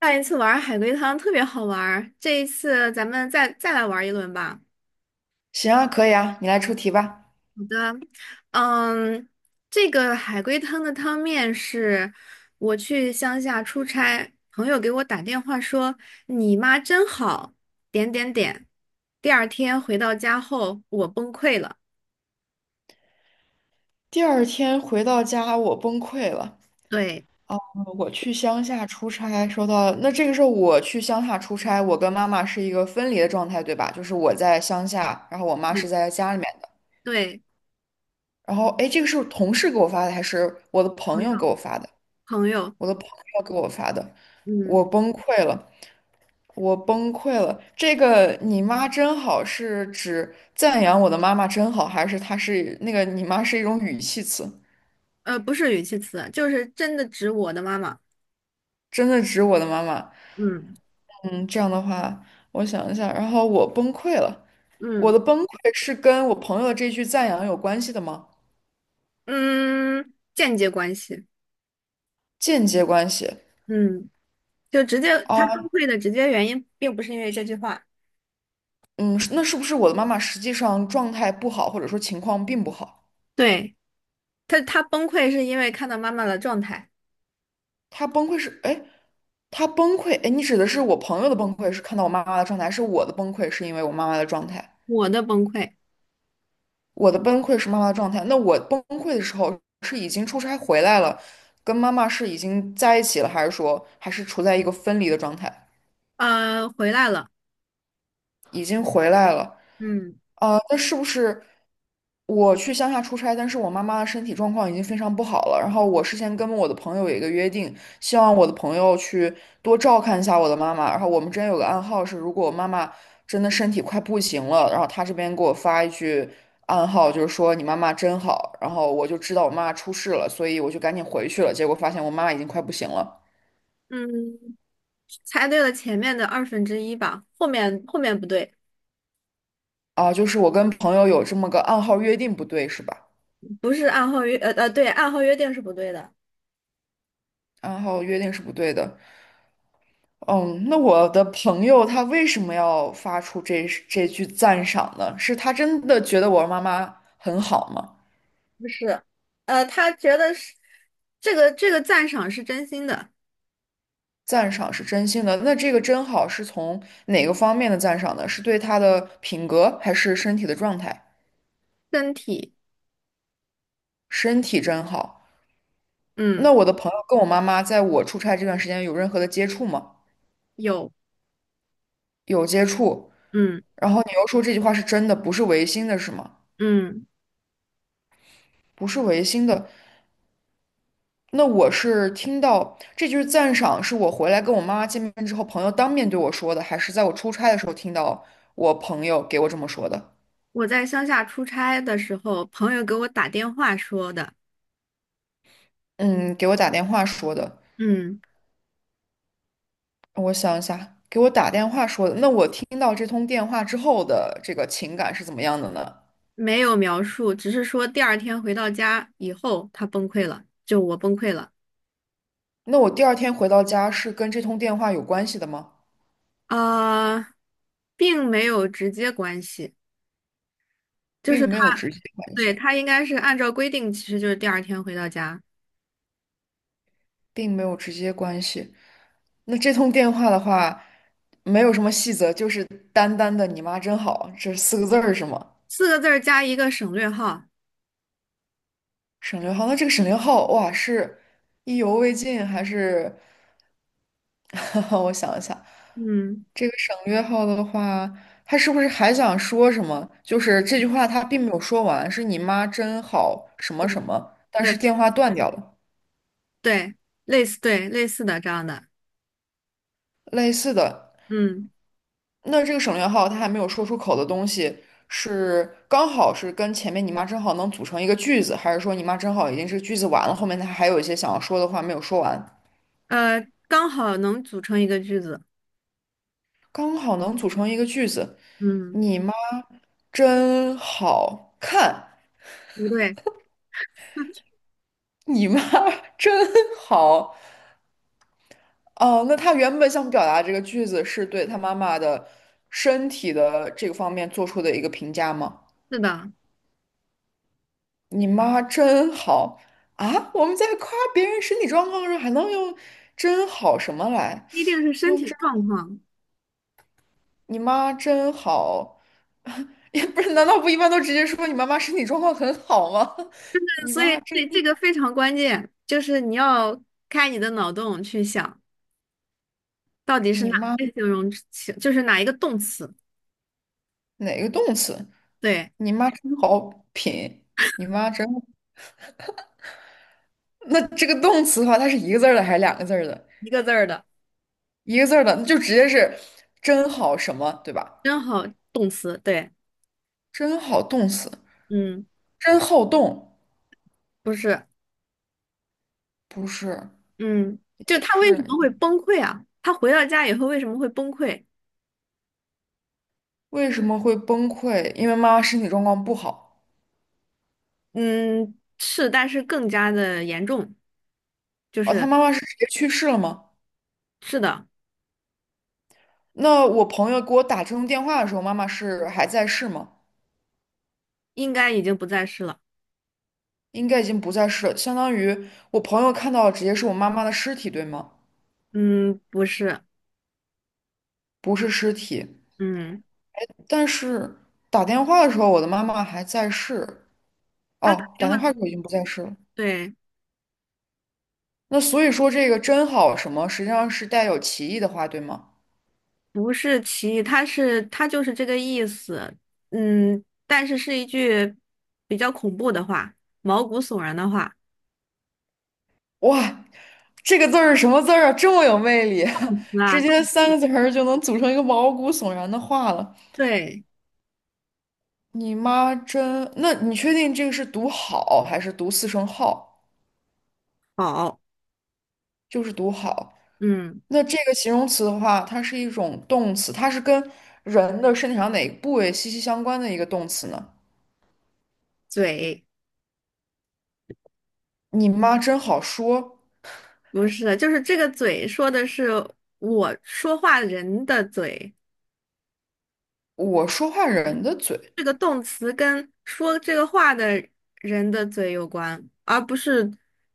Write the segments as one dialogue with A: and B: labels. A: 上一次玩海龟汤特别好玩儿，这一次咱们再来玩一轮吧。
B: 行啊，可以啊，你来出题吧。
A: 好的。嗯，这个海龟汤的汤面是：我去乡下出差，朋友给我打电话说你妈真好，点点点。第二天回到家后，我崩溃了。
B: 第二天回到家，我崩溃了。
A: 对。
B: 我去乡下出差，收到，那这个时候我去乡下出差，我跟妈妈是一个分离的状态，对吧？就是我在乡下，然后我妈是
A: 嗯。
B: 在家里面的。
A: 对。
B: 然后，哎，这个是同事给我发的，还是我的
A: 朋
B: 朋
A: 友，
B: 友给我发的？
A: 朋友。
B: 我的朋友给我发的，
A: 嗯。
B: 我崩溃了，我崩溃了。这个"你妈真好"是指赞扬我的妈妈真好，还是它是那个"你妈"是一种语气词？
A: 不是语气词，就是真的指我的妈妈。
B: 真的指我的妈妈。
A: 嗯
B: 嗯，这样的话，我想一下，然后我崩溃了。我
A: 嗯
B: 的崩溃是跟我朋友的这句赞扬有关系的吗？
A: 嗯，间接关系。
B: 间接关系。
A: 嗯。就直接他崩
B: 哦，
A: 溃的直接原因，并不是因为这句话。
B: 嗯，是那是不是我的妈妈实际上状态不好，或者说情况并不好？
A: 对，他崩溃是因为看到妈妈的状态。
B: 她崩溃是，哎，她崩溃，哎，你指的是我朋友的崩溃是看到我妈妈的状态，还是我的崩溃是因为我妈妈的状态？
A: 我的崩溃。
B: 我的崩溃是妈妈的状态。那我崩溃的时候是已经出差回来了，跟妈妈是已经在一起了，还是说还是处在一个分离的状态？
A: 回来了。
B: 已经回来了，
A: 嗯
B: 那是不是我去乡下出差，但是我妈妈的身体状况已经非常不好了。然后我事先跟我的朋友有一个约定，希望我的朋友去多照看一下我的妈妈。然后我们之间有个暗号是，如果我妈妈真的身体快不行了，然后她这边给我发一句暗号，就是说你妈妈真好。然后我就知道我妈妈出事了，所以我就赶紧回去了。结果发现我妈妈已经快不行了。
A: 嗯，猜对了前面的二分之一吧，后面不对。
B: 啊，就是我跟朋友有这么个暗号约定不对是吧？
A: 不是，按号约呃呃对，按号约定是不对的。
B: 暗号约定是不对的。嗯，那我的朋友他为什么要发出这句赞赏呢？是他真的觉得我妈妈很好吗？
A: 不是。他觉得是这个赞赏是真心的。
B: 赞赏是真心的，那这个真好是从哪个方面的赞赏呢？是对他的品格，还是身体的状态？
A: 身体。
B: 身体真好。
A: 嗯。
B: 那我的朋友跟我妈妈在我出差这段时间有任何的接触吗？
A: 有。
B: 有接触。
A: 嗯
B: 然后你又说这句话是真的，不是违心的，是吗？
A: 嗯。
B: 不是违心的，那我是听到这句赞赏，是我回来跟我妈妈见面之后，朋友当面对我说的，还是在我出差的时候听到我朋友给我这么说的？
A: 我在乡下出差的时候，朋友给我打电话说的。
B: 嗯，给我打电话说的。
A: 嗯。
B: 我想一下，给我打电话说的。那我听到这通电话之后的这个情感是怎么样的呢？
A: 没有描述，只是说第二天回到家以后，他崩溃了，就我崩溃了。
B: 那我第二天回到家是跟这通电话有关系的吗？
A: 呃，并没有直接关系，就是
B: 并
A: 他，
B: 没有直接关
A: 对，
B: 系，
A: 他应该是按照规定，其实就是第二天回到家。
B: 并没有直接关系。那这通电话的话，没有什么细则，就是单单的"你妈真好"这四个字儿是吗？
A: 四个字儿加一个省略号。
B: 省略号，那这个省略号，哇，是意犹未尽还是？我想一想，
A: 嗯，
B: 这个省略号的话，他是不是还想说什么？就是这句话他并没有说完，是你妈真好什么什么，但
A: 对
B: 是电话断掉了。
A: 对，对，类似的这样的。
B: 类似的，
A: 嗯
B: 那这个省略号他还没有说出口的东西，是刚好是跟前面你妈真好能组成一个句子，还是说你妈真好已经是句子完了，后面他还有一些想要说的话没有说完，
A: 刚好能组成一个句子。
B: 刚好能组成一个句子。
A: 嗯，
B: 你妈真好看，
A: 不对。
B: 你妈 真好。哦，那他原本想表达这个句子是对他妈妈的身体的这个方面做出的一个评价吗？
A: 是的，
B: 你妈真好啊！我们在夸别人身体状况的时候，还能用"真好"什么来？
A: 不一定是身
B: 用
A: 体
B: “真"，
A: 状况。
B: 你妈真好，也不是？难道不一般都直接说你妈妈身体状况很好吗？你
A: 所以
B: 妈真，
A: 这个非常关键，就是你要开你的脑洞去想，到底是
B: 你
A: 哪
B: 妈
A: 些形容词，就是哪一个动词。
B: 哪个动词？
A: 对，
B: 你妈真好品，你妈真……那这个动词的话，它是一个字儿的还是两个字儿的？
A: 一个字儿的。
B: 一个字儿的，那就直接是"真好什么"，对吧？
A: 真好，动词，对。
B: 真好动词，
A: 嗯，
B: 真好动，
A: 不是。
B: 不是
A: 嗯。就
B: 不
A: 他为什
B: 是，
A: 么会崩溃啊？他回到家以后为什么会崩溃？
B: 为什么会崩溃？因为妈妈身体状况不好。
A: 嗯，是，但是更加的严重，就
B: 哦，她
A: 是
B: 妈妈是直接去世了吗？
A: 是的。
B: 那我朋友给我打这通电话的时候，妈妈是还在世吗？
A: 应该已经不再是了。
B: 应该已经不在世了，相当于我朋友看到的直接是我妈妈的尸体，对吗？
A: 嗯，不是。
B: 不是尸体。
A: 嗯。
B: 但是打电话的时候，我的妈妈还在世。
A: 他打
B: 哦，
A: 电
B: 打电话
A: 话，
B: 的时候已经不在世了。
A: 对。
B: 那所以说，这个"真好"什么，实际上是带有歧义的话，对吗？
A: 不是歧义，它就是这个意思。嗯，但是是一句比较恐怖的话，毛骨悚然的话。
B: 哇，这个字儿是什么字儿啊？这么有魅力，直
A: 啊，
B: 接三个字儿就能组成一个毛骨悚然的话了。
A: 对。
B: 你妈真……那你确定这个是读好还是读四声号？
A: 好。
B: 就是读好。
A: 嗯。
B: 那这个形容词的话，它是一种动词，它是跟人的身体上哪个部位息息相关的一个动词呢？
A: 嘴。
B: 你妈真好说，
A: 不是，就是这个嘴说的是我说话人的嘴，
B: 我说话人的嘴
A: 这个动词跟说这个话的人的嘴有关，而不是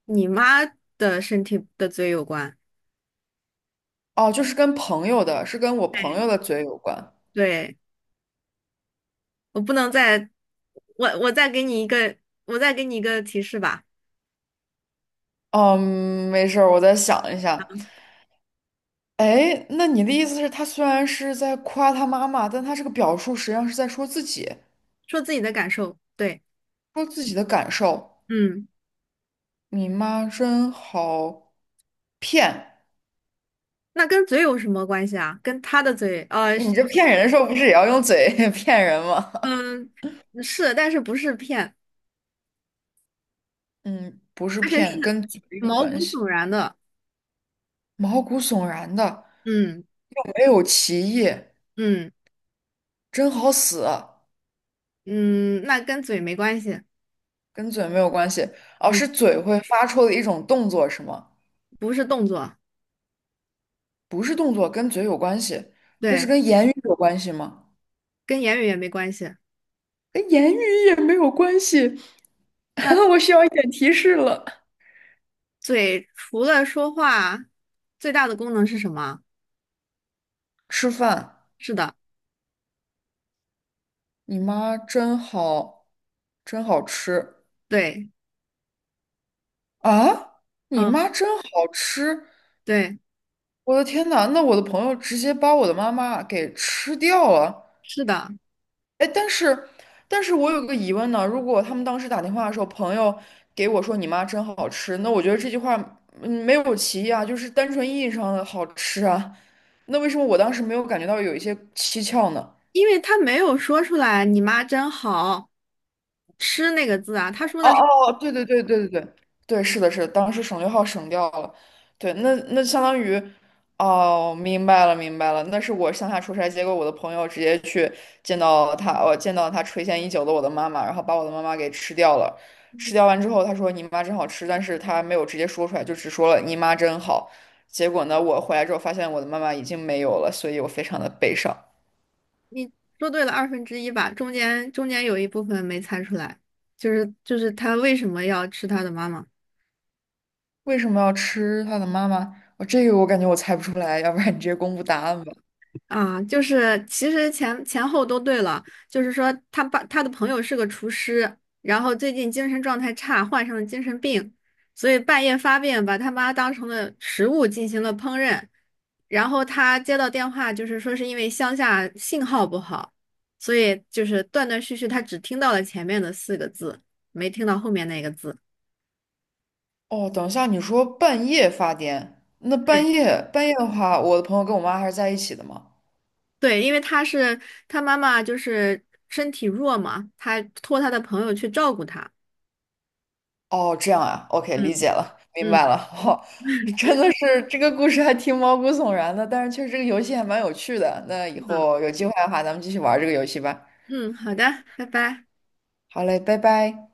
A: 你妈的身体的嘴有关。
B: 哦，就是跟朋友的，是跟我朋友的嘴有关。
A: 对。我不能再，我再给你一个，提示吧。
B: 哦嗯，没事儿，我再想一下。哎，那你的意思是，他虽然是在夸他妈妈，但他这个表述实际上是在说自己，
A: 说自己的感受。对。
B: 说自己的感受。
A: 嗯。
B: 你妈真好骗，
A: 那跟嘴有什么关系啊？跟他的嘴，
B: 你
A: 是。
B: 这骗人的时候不是也要用嘴 骗人吗？
A: 嗯，是，但是不是骗。
B: 嗯，不是
A: 而且是
B: 骗，跟嘴有
A: 毛骨
B: 关
A: 悚
B: 系，
A: 然的。
B: 毛骨悚然的，
A: 嗯
B: 没有歧义，
A: 嗯
B: 真好死。
A: 嗯。那跟嘴没关系。
B: 跟嘴没有关系，哦，是
A: 嗯，
B: 嘴会发出的一种动作是吗？
A: 不是动作。
B: 不是动作，跟嘴有关系，那是
A: 对，
B: 跟言语有关系吗？
A: 跟言语也没关系。
B: 跟言语也没有关系，
A: 那
B: 我需要一点提示了。
A: 嘴除了说话，最大的功能是什么？
B: 吃饭，
A: 是的。
B: 你妈真好，真好吃
A: 对。
B: 啊！你
A: 嗯，
B: 妈真好吃，
A: 对，
B: 我的天呐，那我的朋友直接把我的妈妈给吃掉了。
A: 是的。
B: 哎，但是我有个疑问呢。如果他们当时打电话的时候，朋友给我说"你妈真好吃"，那我觉得这句话嗯没有歧义啊，就是单纯意义上的好吃啊。那为什么我当时没有感觉到有一些蹊跷呢？
A: 因为他没有说出来"你妈真好吃"那个字啊，他说
B: 哦
A: 的是。
B: 哦，对对对对对对对，是的，是的，当时省略号省掉了，对，那相当于，哦，明白了明白了，那是我乡下出差，结果我的朋友直接去见到他，我见到他垂涎已久的我的妈妈，然后把我的妈妈给吃掉了，吃掉完之后，他说你妈真好吃，但是他没有直接说出来，就只说了你妈真好，结果呢，我回来之后发现我的妈妈已经没有了，所以我非常的悲伤。
A: 你说对了二分之一吧，中间有一部分没猜出来，就是他为什么要吃他的妈妈。
B: 为什么要吃他的妈妈？我这个我感觉我猜不出来，要不然你直接公布答案吧。
A: 啊，就是其实前后都对了，就是说他的朋友是个厨师，然后最近精神状态差，患上了精神病，所以半夜发病，把他妈当成了食物进行了烹饪，然后他接到电话，就是说是因为乡下信号不好，所以就是断断续续，他只听到了前面的四个字，没听到后面那个字。
B: 哦，等一下，你说半夜发癫，那半夜的话，我的朋友跟我妈还是在一起的吗？
A: 对，因为他妈妈就是身体弱嘛，他托他的朋友去照顾他。
B: 哦，这样啊，OK，理解
A: 嗯
B: 了，明白
A: 嗯。
B: 了。哦，真的是这个故事还挺毛骨悚然的，但是确实这个游戏还蛮有趣的。那以
A: 嗯。
B: 后有机会的话，咱们继续玩这个游戏吧。
A: 嗯，好的，拜拜。
B: 好嘞，拜拜。